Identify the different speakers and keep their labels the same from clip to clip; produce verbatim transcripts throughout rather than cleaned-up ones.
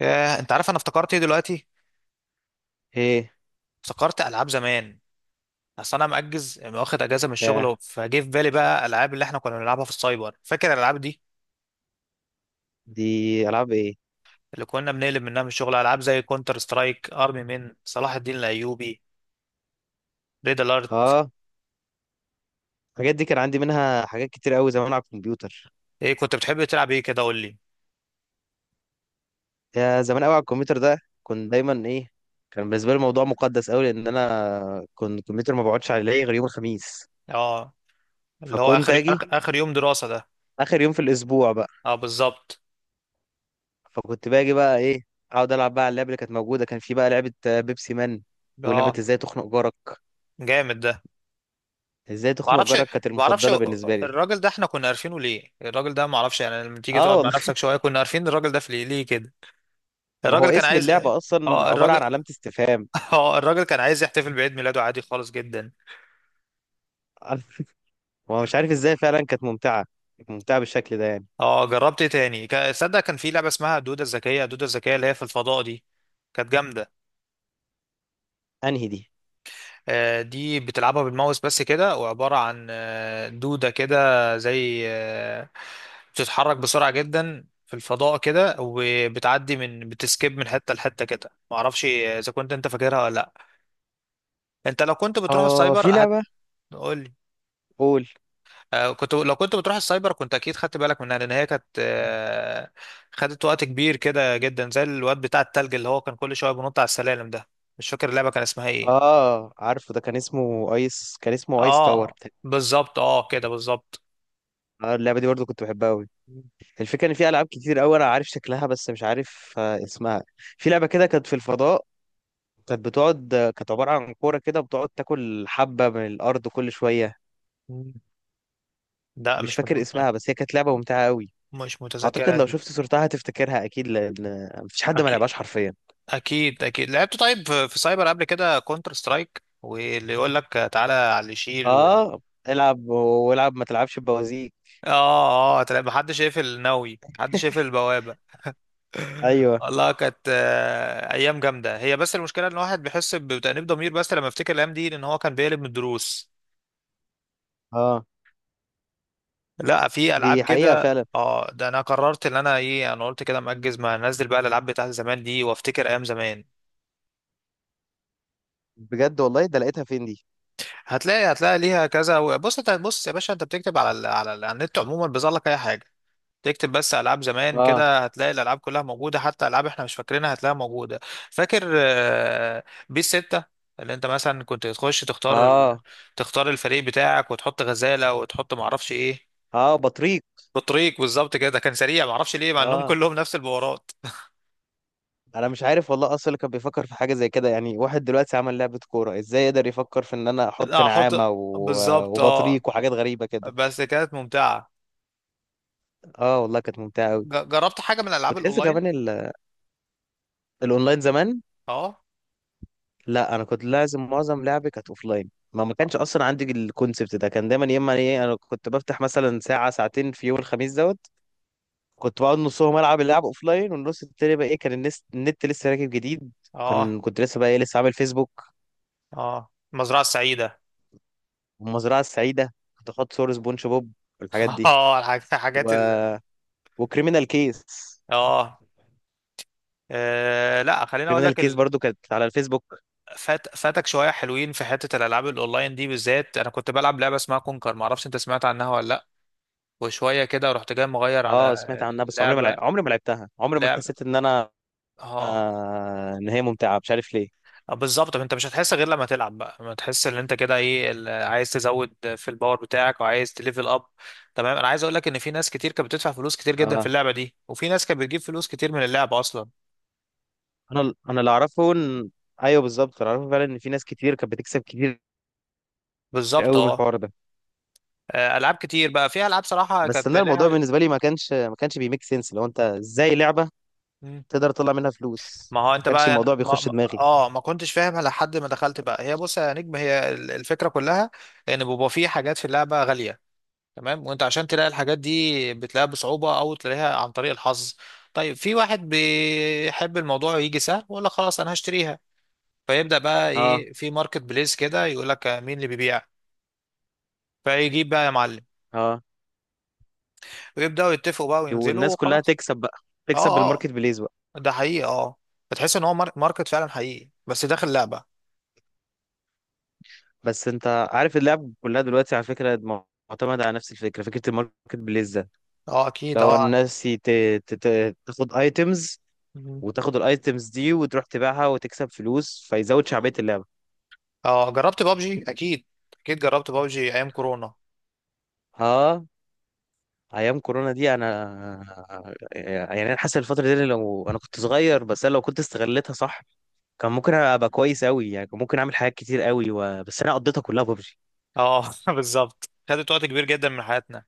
Speaker 1: ياه، انت عارف انا افتكرت ايه دلوقتي؟
Speaker 2: ايه؟
Speaker 1: افتكرت العاب زمان. اصل انا مأجز، واخد اجازه من
Speaker 2: يا،
Speaker 1: الشغل، فجه في بالي بقى الالعاب اللي احنا كنا بنلعبها في السايبر. فاكر الالعاب دي
Speaker 2: دي العاب ايه؟
Speaker 1: اللي كنا بنقلب منها من الشغل؟ العاب زي كونتر سترايك، ارمي من صلاح الدين الايوبي، ريد الارت.
Speaker 2: اه، الحاجات دي كان عندي منها حاجات كتير قوي زمان على الكمبيوتر.
Speaker 1: ايه كنت بتحب تلعب ايه كده؟ قول لي.
Speaker 2: يا زمان قوي على الكمبيوتر ده. كنت دايما ايه؟ كان بالنسبه لي الموضوع مقدس قوي، لان انا كنت الكمبيوتر ما بقعدش عليه غير يوم الخميس.
Speaker 1: اه، اللي هو
Speaker 2: فكنت
Speaker 1: اخر
Speaker 2: اجي
Speaker 1: اخر آخر يوم دراسه ده.
Speaker 2: اخر يوم في الاسبوع بقى.
Speaker 1: اه بالظبط.
Speaker 2: فكنت باجي بقى ايه، اقعد العب بقى على اللعبه اللي كانت موجوده. كان في بقى لعبه آه، بيبسي مان، ولعبه
Speaker 1: اه
Speaker 2: ازاي تخنق جارك.
Speaker 1: جامد ده.
Speaker 2: ازاي
Speaker 1: ما
Speaker 2: تخنق
Speaker 1: اعرفش،
Speaker 2: جارك كانت
Speaker 1: ما اعرفش.
Speaker 2: المفضله بالنسبه لي.
Speaker 1: الراجل ده احنا كنا عارفينه ليه؟ الراجل ده ما اعرفش يعني، لما تيجي
Speaker 2: اه
Speaker 1: تقعد مع
Speaker 2: والله.
Speaker 1: نفسك شويه، كنا عارفين الراجل ده في ليه ليه كده؟
Speaker 2: ما
Speaker 1: الراجل
Speaker 2: هو
Speaker 1: كان
Speaker 2: اسم
Speaker 1: عايز،
Speaker 2: اللعبه اصلا
Speaker 1: اه
Speaker 2: عباره
Speaker 1: الراجل،
Speaker 2: عن علامه استفهام.
Speaker 1: اه الراجل كان عايز يحتفل بعيد ميلاده عادي خالص جدا.
Speaker 2: هو مش عارف ازاي. فعلا كانت ممتعة. كانت ممتعة بالشكل ده يعني.
Speaker 1: اه جربت ايه تاني؟ كا- صدق كان في لعبه اسمها دوده الذكيه، دوده الذكيه اللي هي في الفضاء دي. كانت جامده.
Speaker 2: انهي دي؟
Speaker 1: آه، دي بتلعبها بالماوس بس كده، وعباره عن آه، دوده كده، زي آه، بتتحرك بسرعه جدا في الفضاء كده، وبتعدي من بتسكيب من حته لحته كده. معرفش اذا كنت انت فاكرها ولا لا. انت لو كنت بتروح
Speaker 2: اه،
Speaker 1: السايبر
Speaker 2: في لعبة.
Speaker 1: هتقول
Speaker 2: قول.
Speaker 1: آه، كنت، لو كنت بتروح السايبر كنت اكيد خدت بالك منها، لان هي كانت آه، خدت وقت كبير كده جدا، زي الواد بتاع التلج اللي هو كان كل شويه بينط على السلالم ده. مش فاكر اللعبه كان اسمها ايه.
Speaker 2: اه، عارفه، ده كان اسمه ايس كان اسمه ايس تاور
Speaker 1: اه
Speaker 2: بتاع-
Speaker 1: بالظبط، اه كده بالظبط.
Speaker 2: اه. اللعبة دي برضو كنت بحبها قوي. الفكرة ان في العاب كتير قوي انا عارف شكلها بس مش عارف آه، اسمها. في لعبة كده كانت في الفضاء. كانت بتقعد آه، كانت عبارة عن كورة كده، بتقعد تاكل حبة من الارض كل شوية.
Speaker 1: مم. لا
Speaker 2: مش
Speaker 1: مش مت...
Speaker 2: فاكر اسمها، بس هي كانت لعبة ممتعة قوي.
Speaker 1: مش
Speaker 2: اعتقد
Speaker 1: متذكرها
Speaker 2: لو
Speaker 1: دي.
Speaker 2: شفت صورتها هتفتكرها اكيد، لان مفيش حد ما لعبهاش
Speaker 1: اكيد،
Speaker 2: حرفيا.
Speaker 1: اكيد اكيد لعبت. طيب في في سايبر قبل كده كونتر سترايك، واللي يقول لك تعالى على اللي يشيل وال...
Speaker 2: اه. العب والعب ما تلعبش بوازيك.
Speaker 1: اه اه، تلاقي محدش شايف الناوي، محدش شايف البوابه.
Speaker 2: ايوه.
Speaker 1: والله كانت آه، ايام جامده هي، بس المشكله ان الواحد بيحس بتأنيب ضمير بس، لما افتكر الايام دي ان هو كان بيقلب من الدروس.
Speaker 2: اه،
Speaker 1: لا في العاب
Speaker 2: دي حقيقة
Speaker 1: كده،
Speaker 2: فعلا.
Speaker 1: اه ده انا قررت ان انا ايه، انا قلت كده مأجز، ما انزل بقى الالعاب بتاعت زمان دي وافتكر ايام زمان.
Speaker 2: بجد والله، ده لقيتها فين دي؟
Speaker 1: هتلاقي، هتلاقي ليها كذا. بص انت، بص يا باشا، انت بتكتب على ال على, ال على النت عموما بيظهر لك اي حاجه تكتب. بس العاب زمان
Speaker 2: اه،
Speaker 1: كده هتلاقي الالعاب كلها موجوده، حتى العاب احنا مش فاكرينها هتلاقيها موجوده. فاكر آه، بيس ستة؟ اللي انت مثلا كنت تخش تختار ال-
Speaker 2: اه،
Speaker 1: تختار الفريق بتاعك، وتحط غزاله وتحط معرفش ايه.
Speaker 2: اه، بطريق.
Speaker 1: بطريق، بالظبط كده. كان سريع معرفش ليه، مع انهم
Speaker 2: اه،
Speaker 1: كلهم نفس البورات.
Speaker 2: انا مش عارف والله اصلا اللي كان بيفكر في حاجة زي كده. يعني واحد دلوقتي عمل لعبة كورة، ازاي يقدر يفكر في ان انا احط
Speaker 1: لا
Speaker 2: نعامة
Speaker 1: احط،
Speaker 2: و...
Speaker 1: بالظبط اه.
Speaker 2: وبطريق وحاجات غريبة كده.
Speaker 1: بس كانت ممتعه.
Speaker 2: اه والله كانت ممتعة قوي.
Speaker 1: ج- جربت حاجه من الالعاب
Speaker 2: وتحس
Speaker 1: الاونلاين؟
Speaker 2: كمان ال... الاونلاين زمان.
Speaker 1: اه
Speaker 2: لا، انا كنت لازم معظم لعبي كانت اوف لاين. ما ما كانش اصلا عندي الكونسبت ده. كان دايما يا اما ايه، انا كنت بفتح مثلا ساعه ساعتين في يوم الخميس دوت. كنت بقعد نصهم العب اللعب اوف لاين، والنص التاني بقى ايه، كان النس... النت لسه راكب جديد.
Speaker 1: اه
Speaker 2: وكان كنت لسه بقى ايه، لسه عامل فيسبوك
Speaker 1: اه، المزرعه السعيده.
Speaker 2: والمزرعه السعيده. كنت احط صور سبونج بوب والحاجات دي
Speaker 1: اه الحاجات
Speaker 2: و...
Speaker 1: الحاجات ال...
Speaker 2: وكريمينال كيس.
Speaker 1: اه آه، لا خليني اقول
Speaker 2: كريمينال
Speaker 1: لك.
Speaker 2: كيس برضو كانت على الفيسبوك.
Speaker 1: فات، فاتك شويه حلوين في حته الالعاب الاونلاين دي. بالذات انا كنت بلعب لعبه اسمها كونكر، ما اعرفش انت سمعت عنها ولا لا. وشويه كده رحت جاي مغير على
Speaker 2: اه، سمعت عنها، بس عمري ما لع...
Speaker 1: اللعبه.
Speaker 2: عمري ما لعبتها. عمري ما
Speaker 1: لعبه
Speaker 2: حسيت ان انا
Speaker 1: اه
Speaker 2: آه... ان هي ممتعه، مش عارف ليه.
Speaker 1: آه، بالظبط. طب انت مش هتحس غير لما تلعب بقى، ما تحس ان انت كده ايه ال- عايز تزود في الباور بتاعك وعايز تليفل اب. تمام، انا عايز اقول لك ان في ناس كتير كانت بتدفع فلوس كتير جدا في
Speaker 2: آه،
Speaker 1: اللعبه دي، وفي ناس كانت بتجيب فلوس كتير من اللعبه اصلا.
Speaker 2: انا انا اللي اعرفه ان... ايوه، بالظبط، اللي اعرفه فعلا ان في ناس كتير كانت بتكسب كتير
Speaker 1: بالظبط
Speaker 2: قوي من
Speaker 1: اه.
Speaker 2: الحوار ده.
Speaker 1: آه، العاب كتير بقى فيها، العاب صراحه
Speaker 2: بس
Speaker 1: كانت
Speaker 2: انا، الموضوع
Speaker 1: لها.
Speaker 2: بالنسبه لي ما كانش ما كانش بيميك سنس. لو انت ازاي لعبه تقدر تطلع منها فلوس؟
Speaker 1: ما هو
Speaker 2: ما
Speaker 1: انت
Speaker 2: كانش
Speaker 1: بقى
Speaker 2: الموضوع
Speaker 1: يعني ما
Speaker 2: بيخش
Speaker 1: ما-
Speaker 2: دماغي.
Speaker 1: اه، ما كنتش فاهم لحد ما دخلت بقى. هي بص يا نجم، هي ال- الفكره كلها ان بيبقى في حاجات في اللعبه غاليه، تمام. وانت عشان تلاقي الحاجات دي بتلاقيها بصعوبه او تلاقيها عن طريق الحظ. طيب، في واحد بيحب الموضوع يجي سهل، ولا خلاص انا هشتريها. فيبدا بقى
Speaker 2: اه.
Speaker 1: ايه، في ماركت بليس كده، يقول لك مين اللي بيبيع. فيجيب بقى يا معلم،
Speaker 2: اه،
Speaker 1: ويبداوا يتفقوا بقى وينزلوا
Speaker 2: والناس كلها
Speaker 1: وخلاص.
Speaker 2: تكسب بقى، تكسب
Speaker 1: اه اه،
Speaker 2: بالماركت بليز بقى.
Speaker 1: ده حقيقي اه، بتحس ان هو مار- ماركت فعلا حقيقي، بس داخل لعبه.
Speaker 2: بس انت عارف اللعب كلها دلوقتي على فكره م- معتمده على نفس الفكره، فكره الماركت بليز ده.
Speaker 1: اه اكيد
Speaker 2: لو
Speaker 1: اه.
Speaker 2: الناس يت- ت- ت- تاخد ايتمز، وتاخد الايتمز دي وتروح تبيعها وتكسب فلوس، فيزود شعبيه اللعبه.
Speaker 1: اه جربت بابجي اكيد، اكيد جربت بابجي ايام كورونا.
Speaker 2: اه، ايام كورونا دي انا، يعني انا حاسس الفتره دي لو انا كنت صغير، بس انا لو كنت استغلتها صح كان ممكن ابقى كويس قوي. يعني كان ممكن اعمل حاجات كتير قوي و... بس انا قضيتها كلها ببجي.
Speaker 1: اه بالظبط، خدت وقت كبير جدا من حياتنا.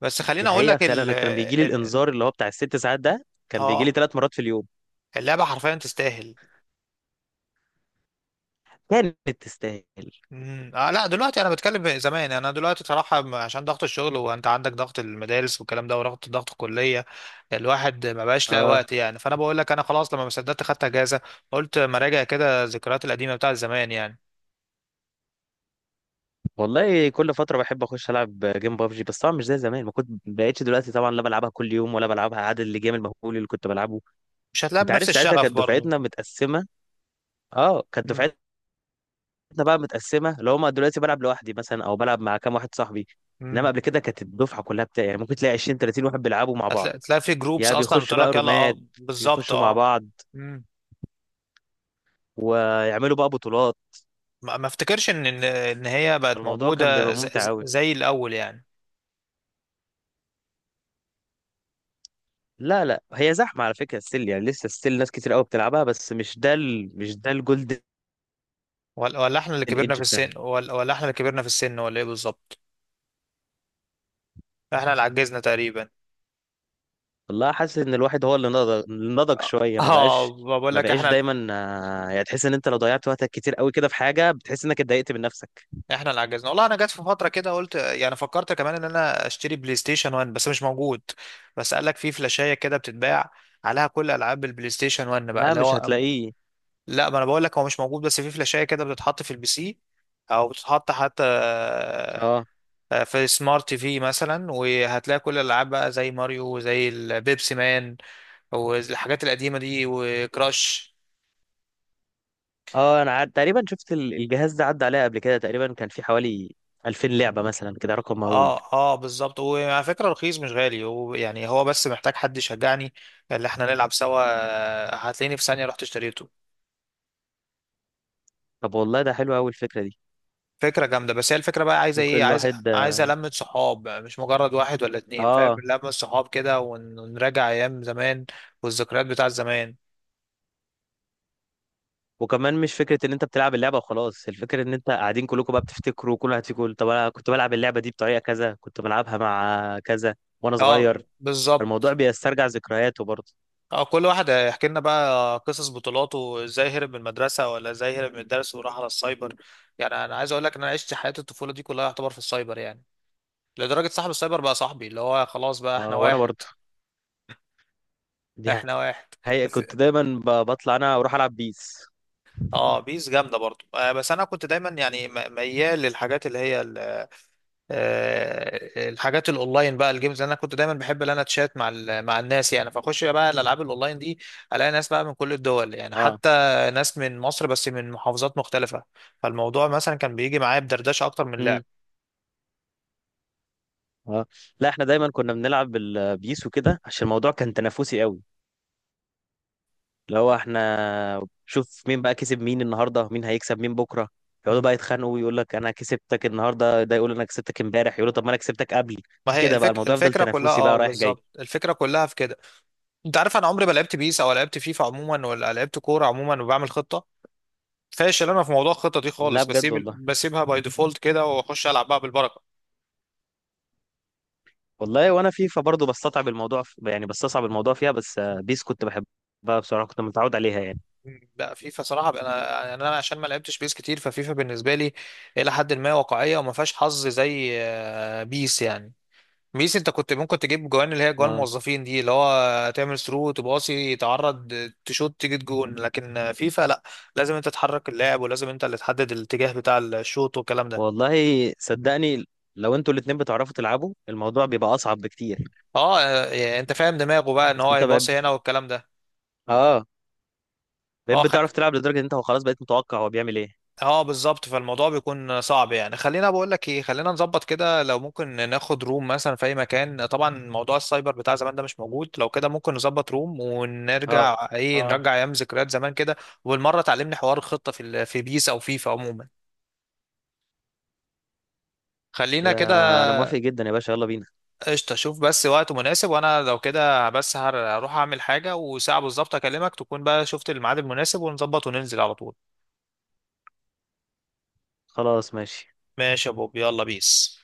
Speaker 1: بس خليني
Speaker 2: دي
Speaker 1: اقول
Speaker 2: حقيقه
Speaker 1: لك
Speaker 2: فعلا.
Speaker 1: ال
Speaker 2: انا كان بيجي لي
Speaker 1: ال ال-
Speaker 2: الانذار اللي هو بتاع الست ساعات ده كان بيجي لي
Speaker 1: اه
Speaker 2: ثلاث مرات في اليوم.
Speaker 1: اللعبه حرفيا تستاهل.
Speaker 2: كانت تستاهل.
Speaker 1: مم. آه لا، دلوقتي انا بتكلم زمان، انا دلوقتي صراحه م- عشان ضغط الشغل، وانت عندك ضغط المدارس والكلام ده، وضغط ضغط الكليه، الواحد ما بقاش لاقي
Speaker 2: اه
Speaker 1: وقت يعني. فانا بقول لك انا خلاص، لما ما صدقت خدت اجازه، قلت ما راجع كده الذكريات القديمه بتاعت زمان يعني.
Speaker 2: والله، كل فتره بحب اخش العب جيم ببجي، بس طبعا مش زي زمان ما كنت. بقيتش دلوقتي طبعا لا بلعبها كل يوم، ولا بلعبها عدد الجيم المهول اللي كنت بلعبه.
Speaker 1: مش هتلاقي
Speaker 2: انت
Speaker 1: بنفس
Speaker 2: عارف ساعتها
Speaker 1: الشغف
Speaker 2: كانت
Speaker 1: برضو.
Speaker 2: دفعتنا متقسمه. اه، كانت
Speaker 1: مم.
Speaker 2: دفعتنا احنا بقى متقسمه. لو هما دلوقتي بلعب لوحدي مثلا او بلعب مع كام واحد صاحبي، انما
Speaker 1: مم.
Speaker 2: قبل كده كانت الدفعه كلها بتاعي. يعني ممكن تلاقي عشرين تلاتين واحد بيلعبوا مع بعض.
Speaker 1: هتلاقي، تلاقي في جروبس
Speaker 2: يا
Speaker 1: اصلا
Speaker 2: بيخشوا
Speaker 1: بتقول
Speaker 2: بقى
Speaker 1: لك يلا، اه
Speaker 2: رومات،
Speaker 1: بالظبط
Speaker 2: يخشوا مع
Speaker 1: اه.
Speaker 2: بعض
Speaker 1: مم.
Speaker 2: ويعملوا بقى بطولات.
Speaker 1: ما ما افتكرش ان ان إن هي بقت
Speaker 2: الموضوع كان
Speaker 1: موجوده
Speaker 2: بيبقى
Speaker 1: ز-
Speaker 2: ممتع
Speaker 1: ز-
Speaker 2: قوي.
Speaker 1: زي الاول يعني.
Speaker 2: لا، لا، هي زحمه على فكره. ستيل يعني، لسه ستيل ناس كتير قوي بتلعبها، بس مش ده ال... مش ده الجولدن
Speaker 1: ولا، ولا احنا اللي كبرنا
Speaker 2: ايدج
Speaker 1: في السن
Speaker 2: بتاعها.
Speaker 1: ولا ولا احنا اللي كبرنا في السن، ولا ايه بالظبط؟ احنا اللي عجزنا تقريبا.
Speaker 2: والله حاسس ان الواحد هو اللي نضج اللي نضج شويه. ما
Speaker 1: اه
Speaker 2: بقاش
Speaker 1: بقول
Speaker 2: ما
Speaker 1: لك،
Speaker 2: بقاش
Speaker 1: احنا
Speaker 2: دايما آه، يعني تحس ان انت لو ضيعت وقتك كتير قوي كده في حاجه، بتحس انك اتضايقت من نفسك.
Speaker 1: احنا اللي عجزنا والله. انا جت في فتره كده قلت يعني، فكرت كمان ان انا اشتري بلاي ستيشن واحد، بس مش موجود. بس قال لك في فلاشايه كده بتتباع عليها كل العاب البلاي ستيشن واحد بقى،
Speaker 2: لا،
Speaker 1: اللي
Speaker 2: مش
Speaker 1: هو
Speaker 2: هتلاقيه.
Speaker 1: لا، ما انا بقول لك هو مش موجود، بس في فلاشايه كده بتتحط في البي سي، او بتتحط حتى
Speaker 2: اه،
Speaker 1: آه، في سمارت تي في مثلا، وهتلاقي كل الالعاب بقى زي ماريو وزي البيبسي مان والحاجات القديمه دي وكراش.
Speaker 2: اه، انا عاد تقريبا شفت ال- الجهاز ده، عدى عليا قبل كده. تقريبا كان في حوالي ألفين لعبة مثلا كده، رقم مهول.
Speaker 1: اه اه بالظبط. وعلى فكره رخيص مش غالي، ويعني هو بس محتاج حد يشجعني اللي احنا نلعب سوا، آه، هتلاقيني في ثانيه رحت اشتريته.
Speaker 2: طب والله ده حلو قوي، الفكرة دي.
Speaker 1: فكرة جامدة، بس هي الفكرة بقى عايزة
Speaker 2: ممكن
Speaker 1: ايه؟ عايز،
Speaker 2: الواحد...
Speaker 1: عايزة لمة صحاب، مش مجرد واحد ولا اتنين، فاهم؟
Speaker 2: اه،
Speaker 1: لمة صحاب كده، ون- ونراجع ايام زمان والذكريات بتاع زمان.
Speaker 2: وكمان مش فكرة ان انت بتلعب اللعبة وخلاص، الفكرة ان انت قاعدين كلكم بقى بتفتكروا، كل واحد فيكم يقول طب انا كنت بلعب اللعبة دي بطريقة كذا، كنت بلعبها مع كذا وانا
Speaker 1: اه
Speaker 2: صغير. فالموضوع
Speaker 1: بالظبط
Speaker 2: بيسترجع ذكرياته برضه.
Speaker 1: اه. كل واحد هيحكي لنا بقى قصص بطولاته ازاي هرب من المدرسة، ولا ازاي هرب من الدرس وراح على السايبر. يعني انا عايز اقول لك ان انا عشت حياة الطفولة دي كلها يعتبر في السايبر يعني، لدرجة صاحب السايبر بقى صاحبي، اللي هو خلاص بقى احنا
Speaker 2: اه، وانا
Speaker 1: واحد.
Speaker 2: برضه. دي
Speaker 1: احنا واحد.
Speaker 2: حقيقة،
Speaker 1: بس-
Speaker 2: كنت دايما ب- بطلع انا اروح العب بيس.
Speaker 1: اه بيس جامدة برضو آه، بس انا كنت دايما يعني م- ميال للحاجات اللي هي آه، الحاجات الاونلاين بقى، الجيمز. انا كنت دايما بحب ان انا اتشات مع ال- مع الناس يعني، فاخش بقى الالعاب الاونلاين دي، الاقي ناس بقى من كل الدول يعني، حتى ناس من مصر بس من محافظات مختلفة. فالموضوع مثلا كان بيجي معايا بدردشة اكتر من
Speaker 2: اه.
Speaker 1: لعب.
Speaker 2: اه، لا، احنا دايما كنا بنلعب البيس وكده، عشان الموضوع كان تنافسي قوي. اللي هو احنا شوف مين بقى كسب مين النهارده، مين هيكسب مين بكره. يقعدوا بقى يتخانقوا، ويقول لك انا كسبتك النهارده ده، يقول انا كسبتك امبارح، يقولوا طب ما انا كسبتك قبل.
Speaker 1: ما هي
Speaker 2: كده بقى
Speaker 1: الفك...
Speaker 2: الموضوع يفضل
Speaker 1: الفكرة كلها
Speaker 2: تنافسي
Speaker 1: اه
Speaker 2: بقى، رايح جاي.
Speaker 1: بالظبط، الفكرة كلها في كده. انت عارف انا عمري ما لعبت بيس او لعبت فيفا عموما، ولا لعبت كورة عموما وبعمل خطة. فاشل انا في موضوع الخطة دي
Speaker 2: لا،
Speaker 1: خالص،
Speaker 2: بجد والله.
Speaker 1: بسيب بسيبها باي ديفولت كده، واخش العب بقى بالبركة.
Speaker 2: والله وانا فيفا برضه بستصعب الموضوع ف- يعني بستصعب الموضوع فيها، بس آه، بيس كنت بحبها بصراحه، كنت متعود عليها يعني.
Speaker 1: لا فيفا صراحه بقى، انا يعني انا عشان ما لعبتش بيس كتير، ففيفا بالنسبه لي الى حد ما واقعيه وما فيهاش حظ زي آه، بيس يعني. بيس انت كنت ممكن تجيب جوان، اللي هي جوان
Speaker 2: اه
Speaker 1: موظفين دي، اللي هو تعمل ثرو، تباصي، تعرض، تشوت، تيجي جون. لكن آه، فيفا لا، لازم انت تحرك اللاعب، ولازم انت اللي تحدد الاتجاه بتاع الشوط والكلام ده.
Speaker 2: والله، صدقني، لو انتوا الاتنين بتعرفوا تلعبوا الموضوع بيبقى اصعب بكتير.
Speaker 1: اه آه، انت فاهم دماغه بقى ان
Speaker 2: بس
Speaker 1: هو
Speaker 2: انت بقى
Speaker 1: يباصي هنا والكلام ده.
Speaker 2: اه، بقيت
Speaker 1: اه
Speaker 2: بتعرف تلعب لدرجة ان انت خلاص بقيت متوقع هو بيعمل ايه.
Speaker 1: اه بالظبط، فالموضوع بيكون صعب يعني. خلينا بقول لك ايه، خلينا نظبط كده لو ممكن، ناخد روم مثلا في اي مكان، طبعا موضوع السايبر بتاع زمان ده مش موجود، لو كده ممكن نظبط روم
Speaker 2: اه،
Speaker 1: ونرجع ايه،
Speaker 2: اه،
Speaker 1: نرجع ايام ذكريات زمان كده. وبالمره تعلمني حوار الخطه في ال- في بيس او فيفا عموما. خلينا كده.
Speaker 2: يا انا موافق جدا يا باشا، يلا بينا.
Speaker 1: قشطه، شوف بس وقت مناسب، وانا لو كده بس هر- هروح اعمل حاجه وساعه بالظبط اكلمك، تكون بقى شفت الميعاد المناسب، ونظبط وننزل على طول.
Speaker 2: خلاص ماشي.
Speaker 1: ماشي يا بوب، يلا بيس.